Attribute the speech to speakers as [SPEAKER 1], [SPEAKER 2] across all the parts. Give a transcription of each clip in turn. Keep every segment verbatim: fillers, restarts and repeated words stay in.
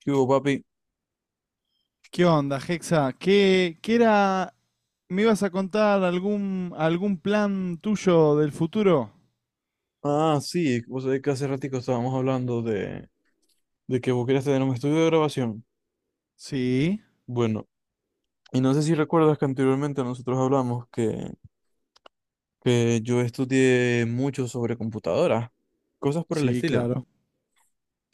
[SPEAKER 1] ¿Qué hubo, papi?
[SPEAKER 2] ¿Qué onda, Hexa? ¿Qué, qué era? ¿Me ibas a contar algún, algún plan tuyo del futuro?
[SPEAKER 1] Ah, sí, vos sabés que hace ratico estábamos hablando de, de que vos querías tener un estudio de grabación.
[SPEAKER 2] Sí,
[SPEAKER 1] Bueno, y no sé si recuerdas que anteriormente nosotros hablamos que, que yo estudié mucho sobre computadoras, cosas por el
[SPEAKER 2] sí,
[SPEAKER 1] estilo.
[SPEAKER 2] claro.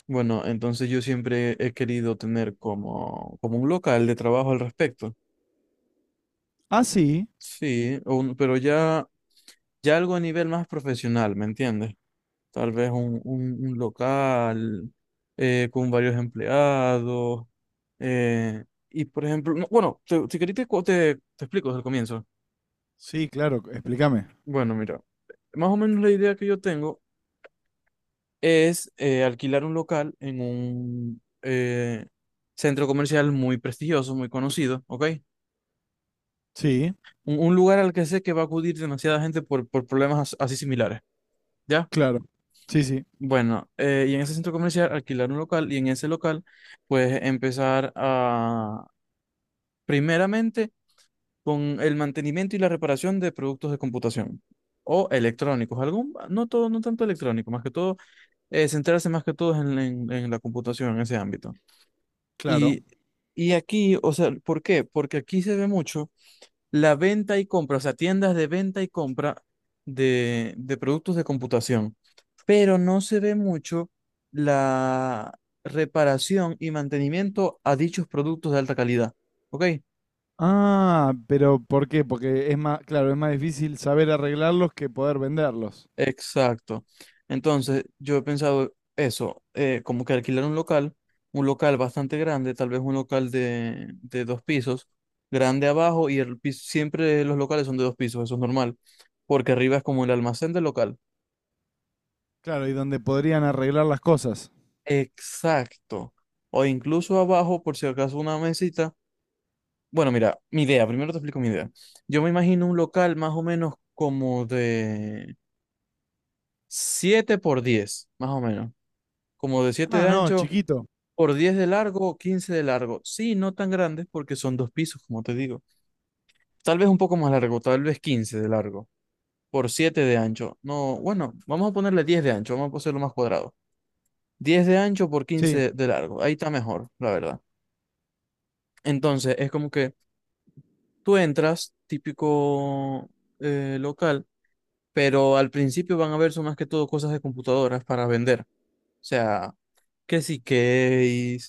[SPEAKER 1] Bueno, entonces yo siempre he querido tener como, como un local de trabajo al respecto.
[SPEAKER 2] Ah, sí,
[SPEAKER 1] Sí, un- pero ya, ya algo a nivel más profesional, ¿me entiendes? Tal vez un, un- un local eh, con varios empleados. eh, y por ejemplo, no, bueno, te- si querés te, cu- te, te explico desde el comienzo.
[SPEAKER 2] sí, claro, explícame.
[SPEAKER 1] Bueno, mira, más o menos la idea que yo tengo es eh, alquilar un local en un eh, centro comercial muy prestigioso, muy conocido, ¿ok?
[SPEAKER 2] Sí,
[SPEAKER 1] Un, un lugar al que sé que va a acudir demasiada gente por, por problemas as- así similares, ¿ya?
[SPEAKER 2] claro. Sí, sí,
[SPEAKER 1] Bueno, eh, y en ese centro comercial alquilar un local y en ese local pues empezar a, primeramente con el mantenimiento y la reparación de productos de computación o electrónicos, algún, no todo, no tanto electrónico, más que todo eh, centrarse más que todo en, en- en la computación en ese ámbito.
[SPEAKER 2] claro.
[SPEAKER 1] Y, y aquí, o sea, ¿por qué? Porque aquí se ve mucho la venta y compra, o sea, tiendas de venta y compra de, de productos de computación, pero no se ve mucho la reparación y mantenimiento a dichos productos de alta calidad. ¿Ok?
[SPEAKER 2] Ah, pero ¿por qué? Porque es más, claro, es más difícil saber arreglarlos que poder venderlos.
[SPEAKER 1] Exacto. Entonces, yo he pensado eso, eh, como que alquilar un local, un local bastante grande, tal vez un local de, de dos pisos, grande abajo y el piso, siempre los locales son de dos pisos, eso es normal, porque arriba es como el almacén del local.
[SPEAKER 2] Claro, y donde podrían arreglar las cosas.
[SPEAKER 1] Exacto. O incluso abajo, por si acaso, una mesita. Bueno, mira, mi idea, primero te explico mi idea. Yo me imagino un local más o menos como de siete por diez, más o menos. Como de siete
[SPEAKER 2] Ah,
[SPEAKER 1] de
[SPEAKER 2] no,
[SPEAKER 1] ancho
[SPEAKER 2] chiquito.
[SPEAKER 1] por diez de largo, quince de largo. Sí, no tan grandes porque son dos pisos, como te digo. Tal vez un poco más largo, tal vez quince de largo, por siete de ancho. No, bueno, vamos a ponerle diez de ancho, vamos a hacerlo más cuadrado. Diez de ancho por
[SPEAKER 2] Sí,
[SPEAKER 1] quince de largo. Ahí está mejor, la verdad. Entonces, es como que tú entras, típico eh, local, pero al principio van a ver son más que todo cosas de computadoras para vender. O sea, que si case,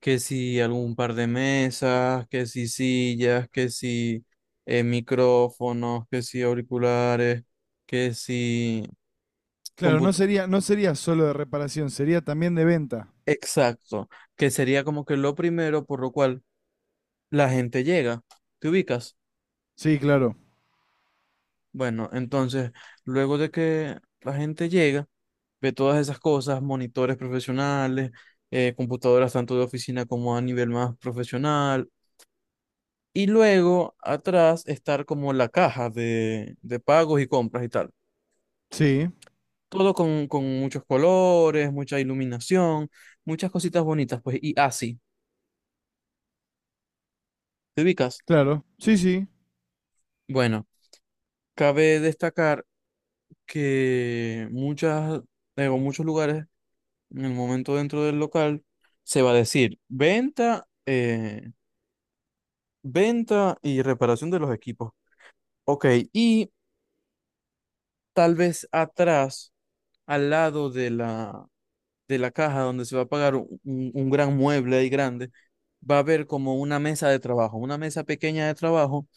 [SPEAKER 1] que si algún par de mesas, que si sillas, que si eh, micrófonos, que si auriculares, que si
[SPEAKER 2] claro, no
[SPEAKER 1] comput-
[SPEAKER 2] sería, no sería solo de reparación, sería también de venta.
[SPEAKER 1] exacto, que sería como que lo primero por lo cual la gente llega. ¿Te ubicas?
[SPEAKER 2] Sí, claro.
[SPEAKER 1] Bueno, entonces, luego de que la gente llega, ve todas esas cosas, monitores profesionales, eh, computadoras tanto de oficina como a nivel más profesional, y luego atrás estar como la caja de, de pagos y compras y tal.
[SPEAKER 2] Sí.
[SPEAKER 1] Todo con, con muchos colores, mucha iluminación, muchas cositas bonitas, pues, y así, ¿te ubicas?
[SPEAKER 2] Claro, sí, sí,
[SPEAKER 1] Bueno, cabe destacar que muchas, digo, muchos lugares en el momento dentro del local, se va a decir venta, eh, venta y reparación de los equipos. Ok, y tal vez atrás, al lado de la, de la caja donde se va a pagar un, un gran mueble ahí grande, va a haber como una mesa de trabajo, una mesa pequeña de trabajo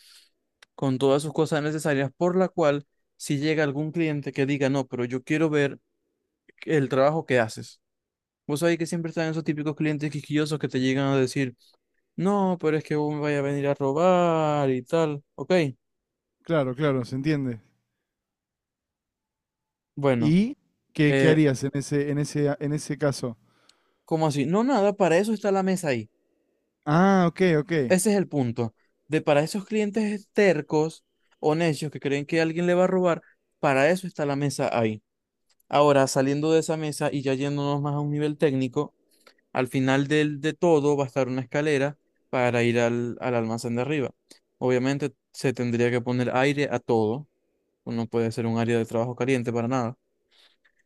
[SPEAKER 1] con todas sus cosas necesarias, por la cual si llega algún cliente que diga, no, pero yo quiero ver el trabajo que haces. Vos sabés que siempre están esos típicos clientes quisquillosos que te llegan a decir, no, pero es que vos me vaya a venir a robar y tal. Ok,
[SPEAKER 2] claro, claro, se entiende.
[SPEAKER 1] bueno,
[SPEAKER 2] ¿Y qué, qué
[SPEAKER 1] eh,
[SPEAKER 2] harías en ese, en ese, en ese caso?
[SPEAKER 1] ¿cómo así? No, nada, para eso está la mesa ahí.
[SPEAKER 2] Ah, ok, ok.
[SPEAKER 1] Ese es el punto. De para esos clientes tercos o necios que creen que alguien le va a robar, para eso está la mesa ahí. Ahora, saliendo de esa mesa y ya yéndonos más a un nivel técnico, al final del, de todo va a estar una escalera para ir al, al almacén de arriba. Obviamente se tendría que poner aire a todo. No puede ser un área de trabajo caliente para nada.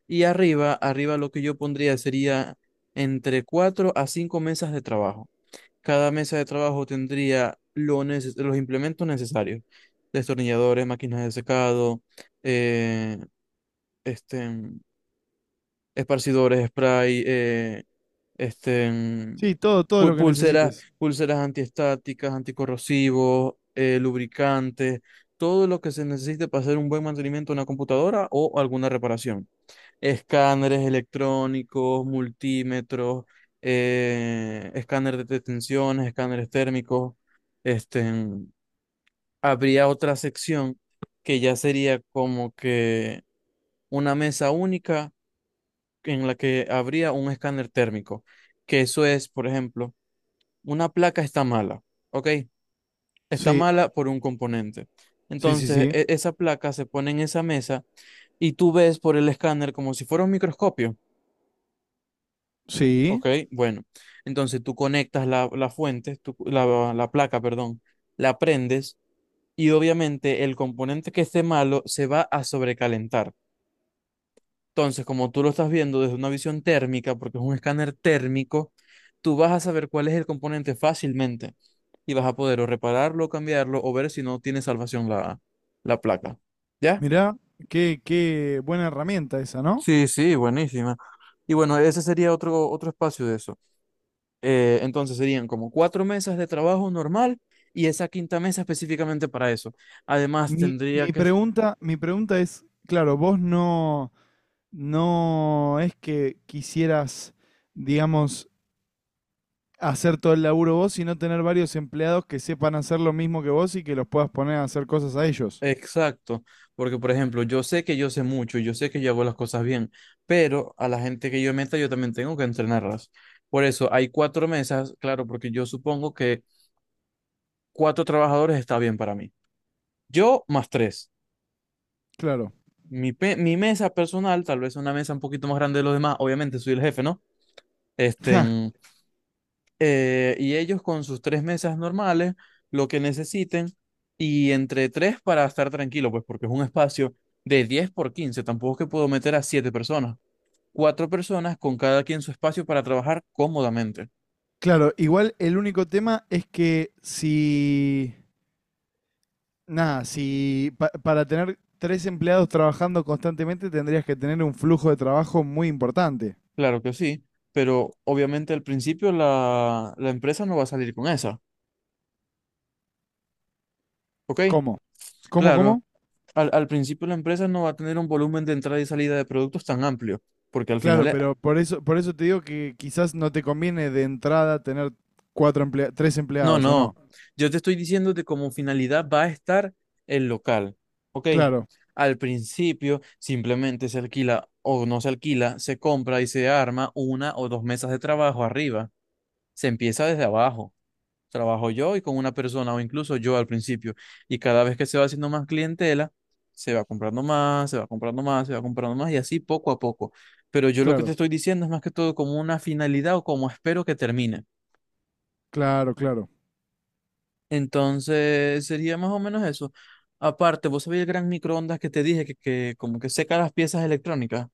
[SPEAKER 1] Y arriba, arriba lo que yo pondría sería entre cuatro a cinco mesas de trabajo. Cada mesa de trabajo tendría lo neces- los implementos necesarios. Destornilladores, máquinas de secado, eh, este, esparcidores, spray, eh, este, mm,
[SPEAKER 2] Sí, todo, todo
[SPEAKER 1] pu-
[SPEAKER 2] lo que
[SPEAKER 1] pulseras,
[SPEAKER 2] necesites.
[SPEAKER 1] pulseras antiestáticas, anticorrosivos, eh, lubricantes, todo lo que se necesite para hacer un buen mantenimiento de una computadora o alguna reparación. Escáneres electrónicos, multímetros, eh, escáner de tensiones, escáneres térmicos. Este, mm, Habría otra sección que ya sería como que una mesa única en la que habría un escáner térmico, que eso es, por ejemplo, una placa está mala, ¿ok? Está
[SPEAKER 2] Sí,
[SPEAKER 1] mala por un componente.
[SPEAKER 2] sí, sí,
[SPEAKER 1] Entonces,
[SPEAKER 2] sí.
[SPEAKER 1] e- esa placa se pone en esa mesa y tú ves por el escáner como si fuera un microscopio,
[SPEAKER 2] Sí.
[SPEAKER 1] ¿ok? Bueno, entonces tú conectas la, la fuente, tú- la, la placa, perdón, la prendes y obviamente el componente que esté malo se va a sobrecalentar. Entonces, como tú lo estás viendo desde una visión térmica, porque es un escáner térmico, tú vas a saber cuál es el componente fácilmente y vas a poder o repararlo, cambiarlo o ver si no tiene salvación la, la placa. ¿Ya?
[SPEAKER 2] Mirá, qué, qué buena herramienta esa, ¿no?
[SPEAKER 1] Sí, sí, buenísima. Y bueno, ese sería otro, otro espacio de eso. Eh, entonces serían como cuatro mesas de trabajo normal y esa quinta mesa específicamente para eso. Además,
[SPEAKER 2] Mi,
[SPEAKER 1] tendría
[SPEAKER 2] mi
[SPEAKER 1] que...
[SPEAKER 2] pregunta, mi pregunta es, claro, vos no, no es que quisieras, digamos, hacer todo el laburo vos, sino tener varios empleados que sepan hacer lo mismo que vos y que los puedas poner a hacer cosas a ellos.
[SPEAKER 1] Exacto, porque por ejemplo, yo sé que yo sé mucho, yo sé que yo hago las cosas bien, pero a la gente que yo meta yo también tengo que entrenarlas. Por eso hay cuatro mesas, claro, porque yo supongo que cuatro trabajadores está bien para mí. Yo más tres.
[SPEAKER 2] Claro.
[SPEAKER 1] Mi, pe- mi mesa personal, tal vez una mesa un poquito más grande de los demás, obviamente soy el jefe, ¿no? Este, eh, y ellos con sus tres mesas normales, lo que necesiten, y entre tres para estar tranquilo, pues porque es un espacio de diez por quince tampoco es que puedo meter a siete personas, cuatro personas con cada quien su espacio para trabajar cómodamente.
[SPEAKER 2] Claro, igual el único tema es que si, nada, si pa- para tener tres empleados trabajando constantemente tendrías que tener un flujo de trabajo muy importante.
[SPEAKER 1] Claro que sí, pero obviamente al principio la, la empresa no va a salir con esa, ¿ok?
[SPEAKER 2] ¿Cómo? ¿Cómo,
[SPEAKER 1] Claro,
[SPEAKER 2] cómo?
[SPEAKER 1] al, al principio la empresa no va a tener un volumen de entrada y salida de productos tan amplio, porque al
[SPEAKER 2] Claro,
[SPEAKER 1] final...
[SPEAKER 2] pero por eso, por eso te digo que quizás no te conviene de entrada tener cuatro emplea- tres
[SPEAKER 1] No,
[SPEAKER 2] empleados, ¿o
[SPEAKER 1] no.
[SPEAKER 2] no?
[SPEAKER 1] Yo te estoy diciendo que como finalidad va a estar el local. ¿Ok?
[SPEAKER 2] Claro,
[SPEAKER 1] Al principio simplemente se alquila o no se alquila, se compra y se arma una o dos mesas de trabajo arriba. Se empieza desde abajo. Trabajo yo y con una persona o incluso yo al principio. Y cada vez que se va haciendo más clientela, se va comprando más, se va comprando más, se va comprando más y así poco a poco. Pero yo lo que te
[SPEAKER 2] claro,
[SPEAKER 1] estoy diciendo es más que todo como una finalidad o como espero que termine.
[SPEAKER 2] claro, claro.
[SPEAKER 1] Entonces sería más o menos eso. Aparte, vos sabés el gran microondas que te dije que, que como que seca las piezas electrónicas.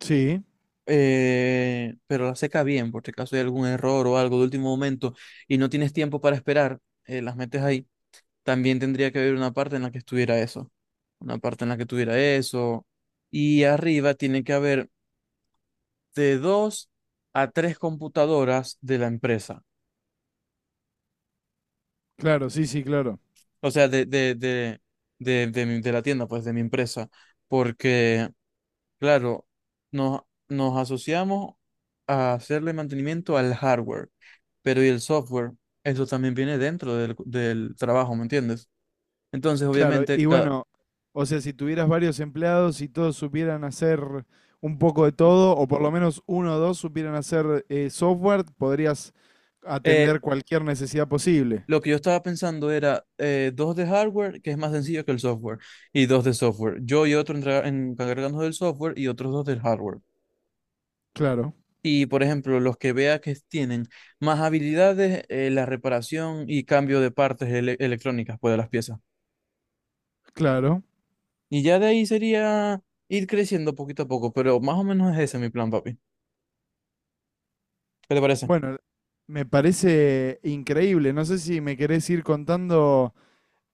[SPEAKER 2] Sí,
[SPEAKER 1] Eh, pero las seca bien, por si acaso hay algún error o algo de último momento y no tienes tiempo para esperar, eh, las metes ahí. También tendría que haber una parte en la que estuviera eso, una parte en la que tuviera eso. Y arriba tiene que haber de dos a tres computadoras de la empresa,
[SPEAKER 2] claro, sí, sí, claro.
[SPEAKER 1] o sea, de, de, de, de, de mi- de la tienda, pues de mi empresa. Porque... Claro, nos, nos asociamos a hacerle mantenimiento al hardware, pero y el software, eso también viene dentro del, del trabajo, ¿me entiendes? Entonces,
[SPEAKER 2] Claro,
[SPEAKER 1] obviamente,
[SPEAKER 2] y
[SPEAKER 1] cada,
[SPEAKER 2] bueno, o sea, si tuvieras varios empleados y todos supieran hacer un poco de todo, o por lo menos uno o dos supieran hacer eh, software, podrías
[SPEAKER 1] eh,
[SPEAKER 2] atender cualquier necesidad posible.
[SPEAKER 1] lo que yo estaba pensando era eh, dos de hardware, que es más sencillo que el software, y dos de software. Yo y otro entra- encargándonos del software y otros dos del hardware.
[SPEAKER 2] Claro,
[SPEAKER 1] Y, por ejemplo, los que vea que tienen más habilidades, eh, la reparación y cambio de partes ele- electrónicas, pues, de las piezas.
[SPEAKER 2] claro.
[SPEAKER 1] Y ya de ahí sería ir creciendo poquito a poco, pero más o menos es ese mi plan, papi. ¿Qué te parece?
[SPEAKER 2] Bueno, me parece increíble. No sé si me querés ir contando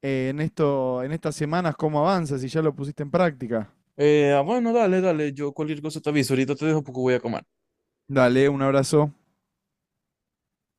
[SPEAKER 2] eh, en esto, en estas semanas cómo avanzas, si ya lo pusiste en práctica.
[SPEAKER 1] Eh, ah, bueno, dale, dale, yo cualquier cosa te aviso, ahorita te dejo porque voy a comer.
[SPEAKER 2] Dale, un abrazo.